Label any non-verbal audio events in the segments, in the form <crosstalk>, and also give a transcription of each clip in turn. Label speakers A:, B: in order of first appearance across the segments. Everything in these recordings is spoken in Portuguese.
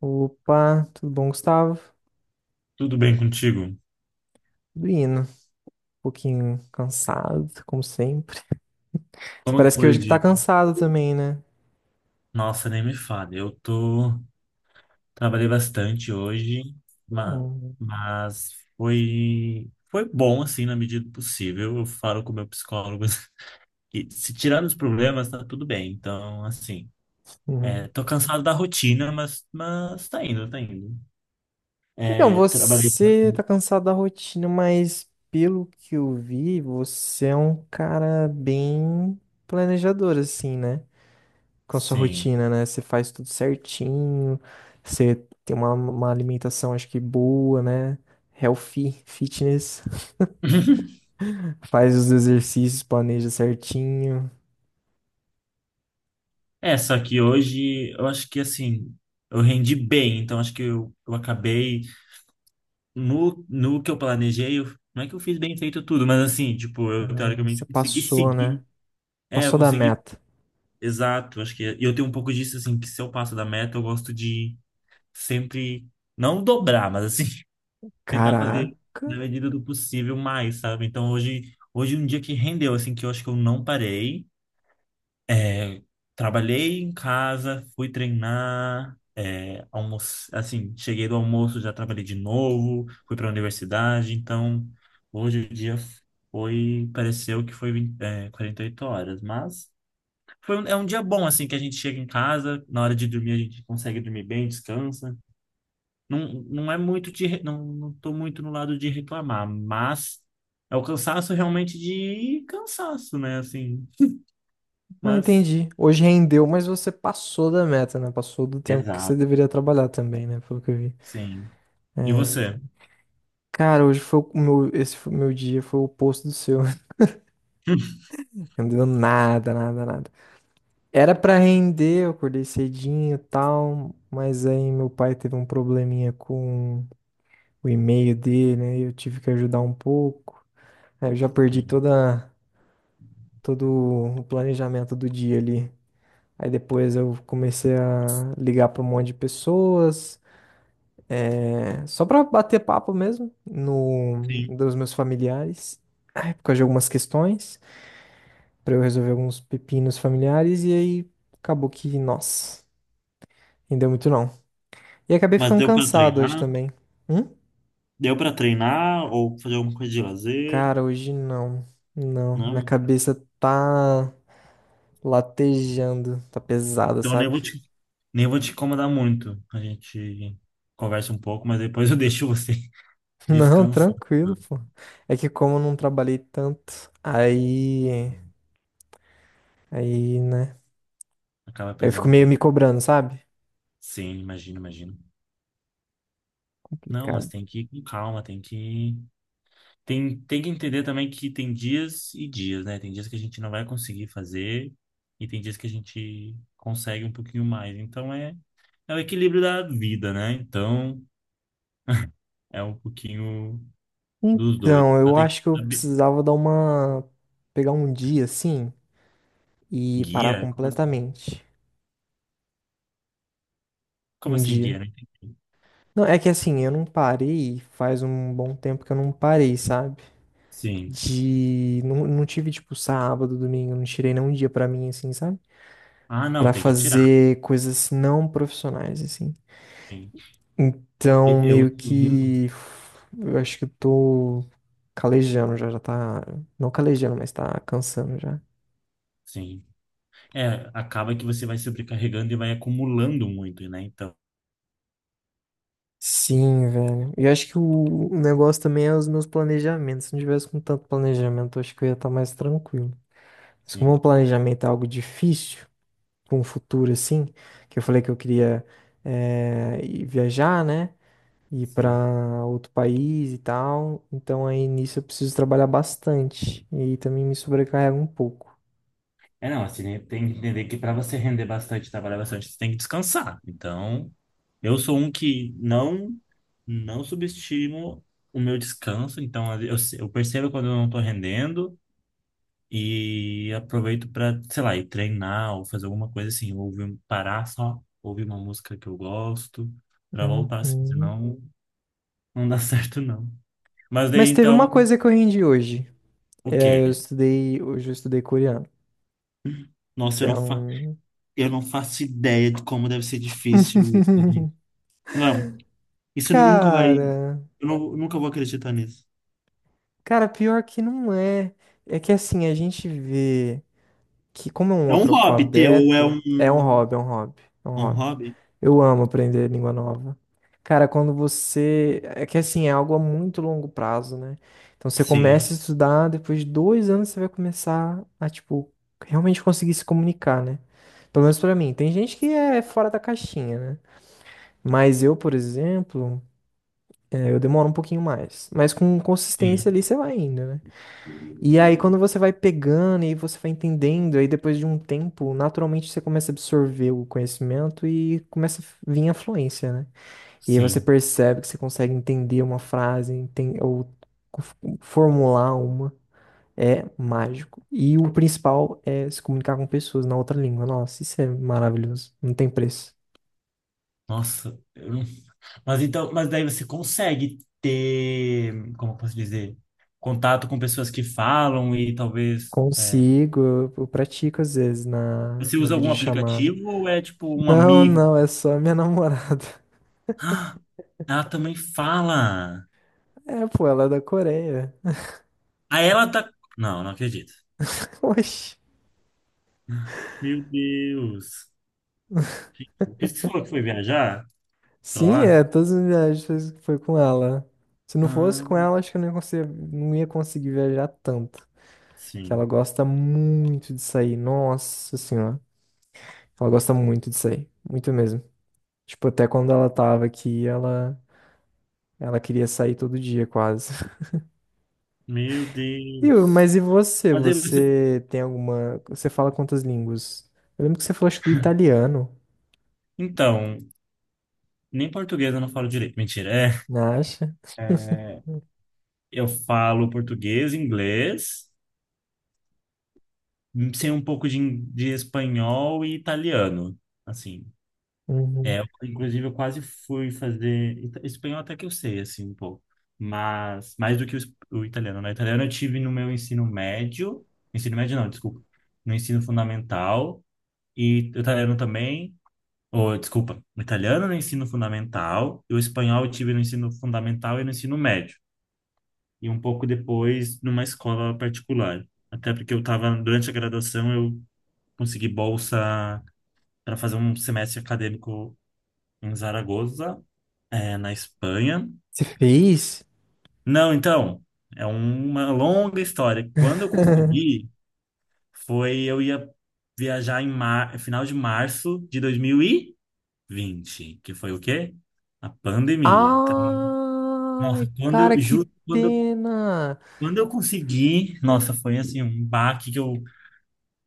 A: Opa, tudo bom, Gustavo?
B: Tudo bem contigo?
A: Tudo indo. Um pouquinho cansado, como sempre. Você
B: Como que
A: parece que
B: foi
A: hoje
B: o
A: que tá
B: dia?
A: cansado também, né?
B: Nossa, nem me fale. Eu tô... Trabalhei bastante hoje, ma-
A: Uhum.
B: mas, Foi bom, assim, na medida do possível. Eu falo com o meu psicólogo <laughs> que se tirar os problemas, tá tudo bem. Então, assim,
A: Uhum.
B: tô cansado da rotina, mas tá indo, tá indo.
A: Então,
B: É, trabalhei...
A: você tá cansado da rotina, mas pelo que eu vi, você é um cara bem planejador, assim, né? Com a sua
B: Sim.
A: rotina, né? Você faz tudo certinho, você tem uma alimentação, acho que boa, né? Healthy, fitness,
B: <laughs>
A: <laughs> faz os exercícios, planeja certinho.
B: É, só que hoje eu acho que assim, eu rendi bem, então acho que eu acabei no que eu planejei, não é que eu fiz bem feito tudo, mas assim, tipo, eu
A: Você
B: teoricamente consegui
A: passou, né?
B: seguir. É, eu
A: Passou da
B: consegui,
A: meta.
B: exato. Acho que é, e eu tenho um pouco disso, assim, que se eu passo da meta, eu gosto de sempre, não dobrar, mas assim, <laughs> tentar fazer
A: Caraca.
B: na medida do possível mais, sabe? Então hoje, hoje é um dia que rendeu, assim, que eu acho que eu não parei. É, trabalhei em casa, fui treinar, é, almoço, assim, cheguei do almoço, já trabalhei de novo, fui para a universidade, então hoje o dia foi, pareceu que foi, é, 48 horas, mas é um dia bom, assim, que a gente chega em casa, na hora de dormir a gente consegue dormir bem, descansa. Não, não é muito de, não, não tô muito no lado de reclamar, mas é o cansaço realmente de cansaço, né, assim,
A: Ah,
B: mas...
A: entendi. Hoje rendeu, mas você passou da meta, né? Passou do tempo que você
B: Exato.
A: deveria trabalhar também, né? Pelo que eu vi.
B: Sim. E você?
A: Cara, hoje foi o meu, esse foi o meu dia, foi o oposto do seu. <laughs>
B: <laughs>
A: Não deu nada, nada, nada. Era pra render, eu acordei cedinho e tal, mas aí meu pai teve um probleminha com o e-mail dele, né? E eu tive que ajudar um pouco. Aí eu já perdi
B: Sim.
A: toda, todo o planejamento do dia ali. Aí depois eu comecei a ligar para um monte de pessoas, é, só para bater papo mesmo no
B: Sim.
A: dos meus familiares, é, por causa de algumas questões, para eu resolver alguns pepinos familiares e aí acabou que, nossa, não deu muito não. E acabei
B: Mas
A: ficando
B: deu para
A: cansado hoje
B: treinar?
A: também. Hum?
B: Deu para treinar ou fazer alguma coisa de lazer?
A: Cara, hoje não. Não, minha
B: Não.
A: cabeça tá latejando, tá pesada,
B: Então
A: sabe?
B: nem vou te incomodar muito. A gente conversa um pouco, mas depois <laughs> eu deixo você <laughs>
A: <laughs> Não,
B: descansar.
A: tranquilo, pô. É que como eu não trabalhei tanto, aí. Aí, né?
B: Acaba
A: Eu fico
B: pesando um
A: meio me
B: pouquinho.
A: cobrando, sabe?
B: Sim, imagino, imagino. Não, mas
A: Complicado.
B: tem que ir com calma, tem, tem que entender também que tem dias e dias, né? Tem dias que a gente não vai conseguir fazer e tem dias que a gente consegue um pouquinho mais. Então é, é o equilíbrio da vida, né? Então, é um pouquinho dos dois.
A: Então,
B: Só
A: eu
B: tem que
A: acho que eu
B: saber.
A: precisava dar uma. Pegar um dia assim e parar
B: Guia?
A: completamente.
B: Como
A: Um
B: assim, guia?
A: dia.
B: Né?
A: Não, é que assim, eu não parei, faz um bom tempo que eu não parei, sabe?
B: Sim.
A: De. Não, não tive, tipo, sábado, domingo, não tirei nem um dia pra mim, assim, sabe?
B: Ah, não,
A: Pra
B: tem que tirar.
A: fazer coisas não profissionais, assim.
B: Sim. E-
A: Então,
B: Eu.
A: meio que. Eu acho que eu tô calejando já, já tá. Não calejando, mas tá cansando já.
B: Sim. É, acaba que você vai sobrecarregando e vai acumulando muito, né? Então,
A: Sim, velho. E eu acho que o negócio também é os meus planejamentos. Se não tivesse com tanto planejamento, eu acho que eu ia estar mais tranquilo. Mas como
B: sim,
A: o planejamento é algo difícil, com o futuro assim, que eu falei que eu queria ir viajar, né? Ir
B: sim.
A: pra outro país e tal. Então aí nisso eu preciso trabalhar bastante. E também me sobrecarrega um pouco.
B: É, não, assim, né, tem que entender que para você render bastante, trabalhar bastante, você tem que descansar. Então, eu sou um que não, não subestimo o meu descanso. Então, eu percebo quando eu não estou rendendo. E aproveito para, sei lá, ir treinar ou fazer alguma coisa assim, ou ouvir, parar só, ouvir uma música que eu gosto, para voltar assim,
A: Uhum.
B: senão não dá <laughs> certo não. Mas daí
A: Mas teve
B: então,
A: uma coisa que eu rendi hoje.
B: o
A: É, eu
B: quê?
A: estudei, hoje eu estudei coreano,
B: Nossa,
A: que
B: eu
A: é
B: não, fa
A: um.
B: eu não faço ideia de como deve ser difícil isso, gente.
A: <laughs>
B: Não, isso nunca vai,
A: Cara,
B: eu nunca vou acreditar nisso.
A: cara, pior que não é. É que assim, a gente vê. Que como é um
B: É um
A: outro
B: hobby teu, ou
A: alfabeto, é um hobby, é um hobby, é um
B: é um
A: hobby.
B: hobby?
A: Eu amo aprender língua nova. Cara, quando você. É que assim, é algo a muito longo prazo, né? Então você
B: Sim,
A: começa a estudar, depois de 2 anos você vai começar a, tipo, realmente conseguir se comunicar, né? Pelo menos pra mim. Tem gente que é fora da caixinha, né? Mas eu, por exemplo, é, eu demoro um pouquinho mais. Mas com consistência
B: sim,
A: ali você vai indo, né? E aí, quando você vai pegando e você vai entendendo, aí depois de um tempo, naturalmente você começa a absorver o conhecimento e começa a vir a fluência, né? E aí você
B: sim.
A: percebe que você consegue entender uma frase, f- formular uma. É mágico. E o principal é se comunicar com pessoas na outra língua. Nossa, isso é maravilhoso. Não tem preço.
B: Nossa, eu não- mas então, mas daí você consegue ter, como eu posso dizer, contato com pessoas que falam e talvez é,
A: Consigo, eu pratico às vezes na,
B: você
A: na
B: usa algum
A: videochamada.
B: aplicativo ou é tipo um
A: Não,
B: amigo?
A: não, é só minha namorada. <laughs>
B: Ah, ela também fala.
A: É, pô, ela é da Coreia.
B: Aí ela tá. Não, não acredito.
A: <laughs> Oxi.
B: Meu Deus. Por isso que você falou que foi viajar pra
A: Sim,
B: lá?
A: é, todas as viagens foi com ela. Se não fosse
B: Ah,
A: com ela, acho que eu não ia conseguir, não ia conseguir viajar tanto. Que ela
B: sim.
A: gosta muito de sair. Nossa senhora. Ela gosta muito de sair. Muito mesmo. Tipo, até quando ela tava aqui, ela queria sair todo dia, quase. <laughs>
B: Meu
A: E,
B: Deus.
A: mas e você?
B: Mas aí você.
A: Você tem alguma. Você fala quantas línguas? Eu lembro que você falou, acho, que do italiano,
B: Então, nem português eu não falo direito. Mentira, é.
A: não acha?
B: É, eu falo português, inglês, sei um pouco de espanhol e italiano, assim.
A: Uhum.
B: É, eu, inclusive, eu quase fui fazer espanhol até que eu sei, assim, um pouco. Mas mais do que o italiano, né? Italiano eu tive no meu ensino médio não, desculpa, no ensino fundamental e o italiano também, ou desculpa, o italiano no ensino fundamental e o espanhol eu tive no ensino fundamental e no ensino médio, e um pouco depois numa escola particular. Até porque eu estava, durante a graduação, eu consegui bolsa para fazer um semestre acadêmico em Zaragoza, na Espanha.
A: Você fez?
B: Não, então, é uma longa história. Quando eu
A: <laughs>
B: consegui, foi eu ia viajar em mar... final de março de 2020, que foi o quê? A pandemia. Então,
A: Ai,
B: Nossa, quando
A: cara,
B: eu,
A: que
B: juro,
A: pena.
B: quando eu consegui, nossa, foi assim um baque que eu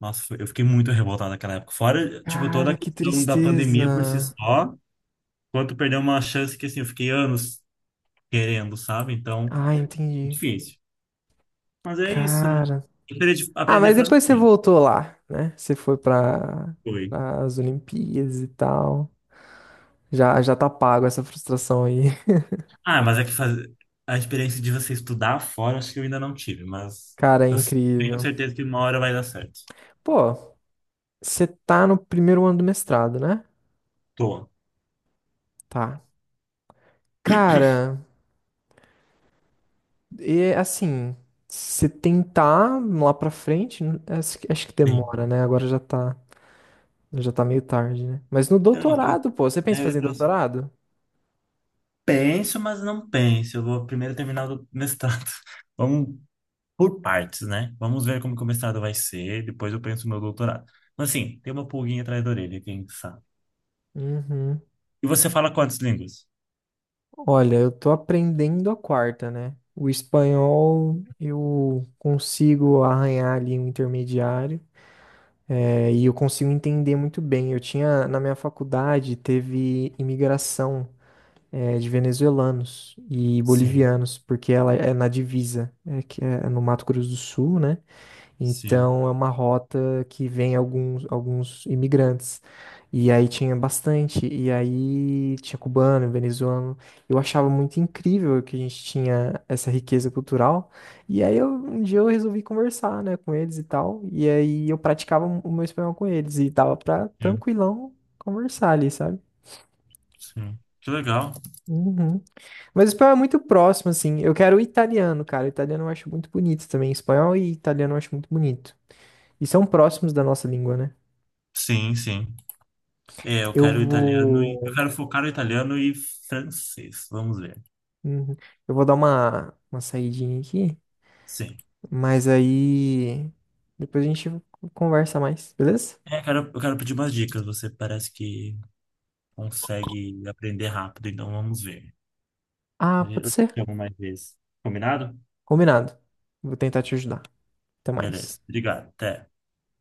B: Eu fiquei muito revoltado naquela época. Fora, tipo, toda
A: Cara,
B: a
A: que
B: questão da pandemia por si
A: tristeza.
B: só, quanto perder uma chance que, assim, eu fiquei anos querendo, sabe? Então,
A: Ah, entendi.
B: difícil. Mas é isso, né?
A: Cara. Ah,
B: Aprender
A: mas
B: francês,
A: depois você voltou lá, né? Você foi para
B: foi.
A: as Olimpíadas e tal. Já, já tá pago essa frustração aí. <laughs>
B: Ah, mas é que faz... a experiência de você estudar fora, acho que eu ainda não tive, mas
A: Cara, é
B: eu tenho
A: incrível.
B: certeza que uma hora vai dar certo.
A: Pô, você tá no primeiro ano do mestrado, né?
B: Tô,
A: Tá. Cara, e assim, se tentar lá pra frente, acho que
B: sim.
A: demora, né? Agora já tá. Já tá meio tarde, né? Mas no
B: É, não, que...
A: doutorado, pô, você pensa em
B: é,
A: fazer
B: eu
A: doutorado?
B: penso, mas não penso. Eu vou primeiro terminar o mestrado. <laughs> Vamos por partes, né? Vamos ver como que o mestrado vai ser, depois eu penso no meu doutorado. Mas assim, tem uma pulguinha atrás da orelha, quem sabe.
A: Uhum.
B: E você fala quantas línguas?
A: Olha, eu tô aprendendo a quarta, né? O espanhol eu consigo arranhar ali um intermediário, é, e eu consigo entender muito bem. Eu tinha, na minha faculdade, teve imigração, é, de venezuelanos e
B: Sim,
A: bolivianos, porque ela é na divisa, é que é no Mato Grosso do Sul, né?
B: sim,
A: Então é uma rota que vem alguns imigrantes. E aí tinha bastante, e aí tinha cubano, venezuelano. Eu achava muito incrível que a gente tinha essa riqueza cultural. E aí um dia eu resolvi conversar, né, com eles e tal. E aí eu praticava o meu espanhol com eles e tava pra
B: sim,
A: tranquilão conversar ali, sabe?
B: sim. Que legal.
A: Uhum. Mas o espanhol é muito próximo, assim. Eu quero o italiano, cara. O italiano eu acho muito bonito também. Espanhol e italiano eu acho muito bonito. E são próximos da nossa língua, né?
B: Sim, sim. É, eu
A: Eu
B: quero italiano e eu
A: vou.
B: quero focar no italiano e francês. Vamos ver.
A: Uhum. Eu vou dar uma saidinha aqui,
B: Sim.
A: mas aí depois a gente conversa mais, beleza?
B: É, eu quero pedir umas dicas. Você parece que consegue aprender rápido, então vamos ver.
A: Ah, pode
B: Eu te
A: ser?
B: chamo mais vezes. Combinado?
A: Combinado. Vou tentar te ajudar. Até mais.
B: Beleza. Obrigado. Até.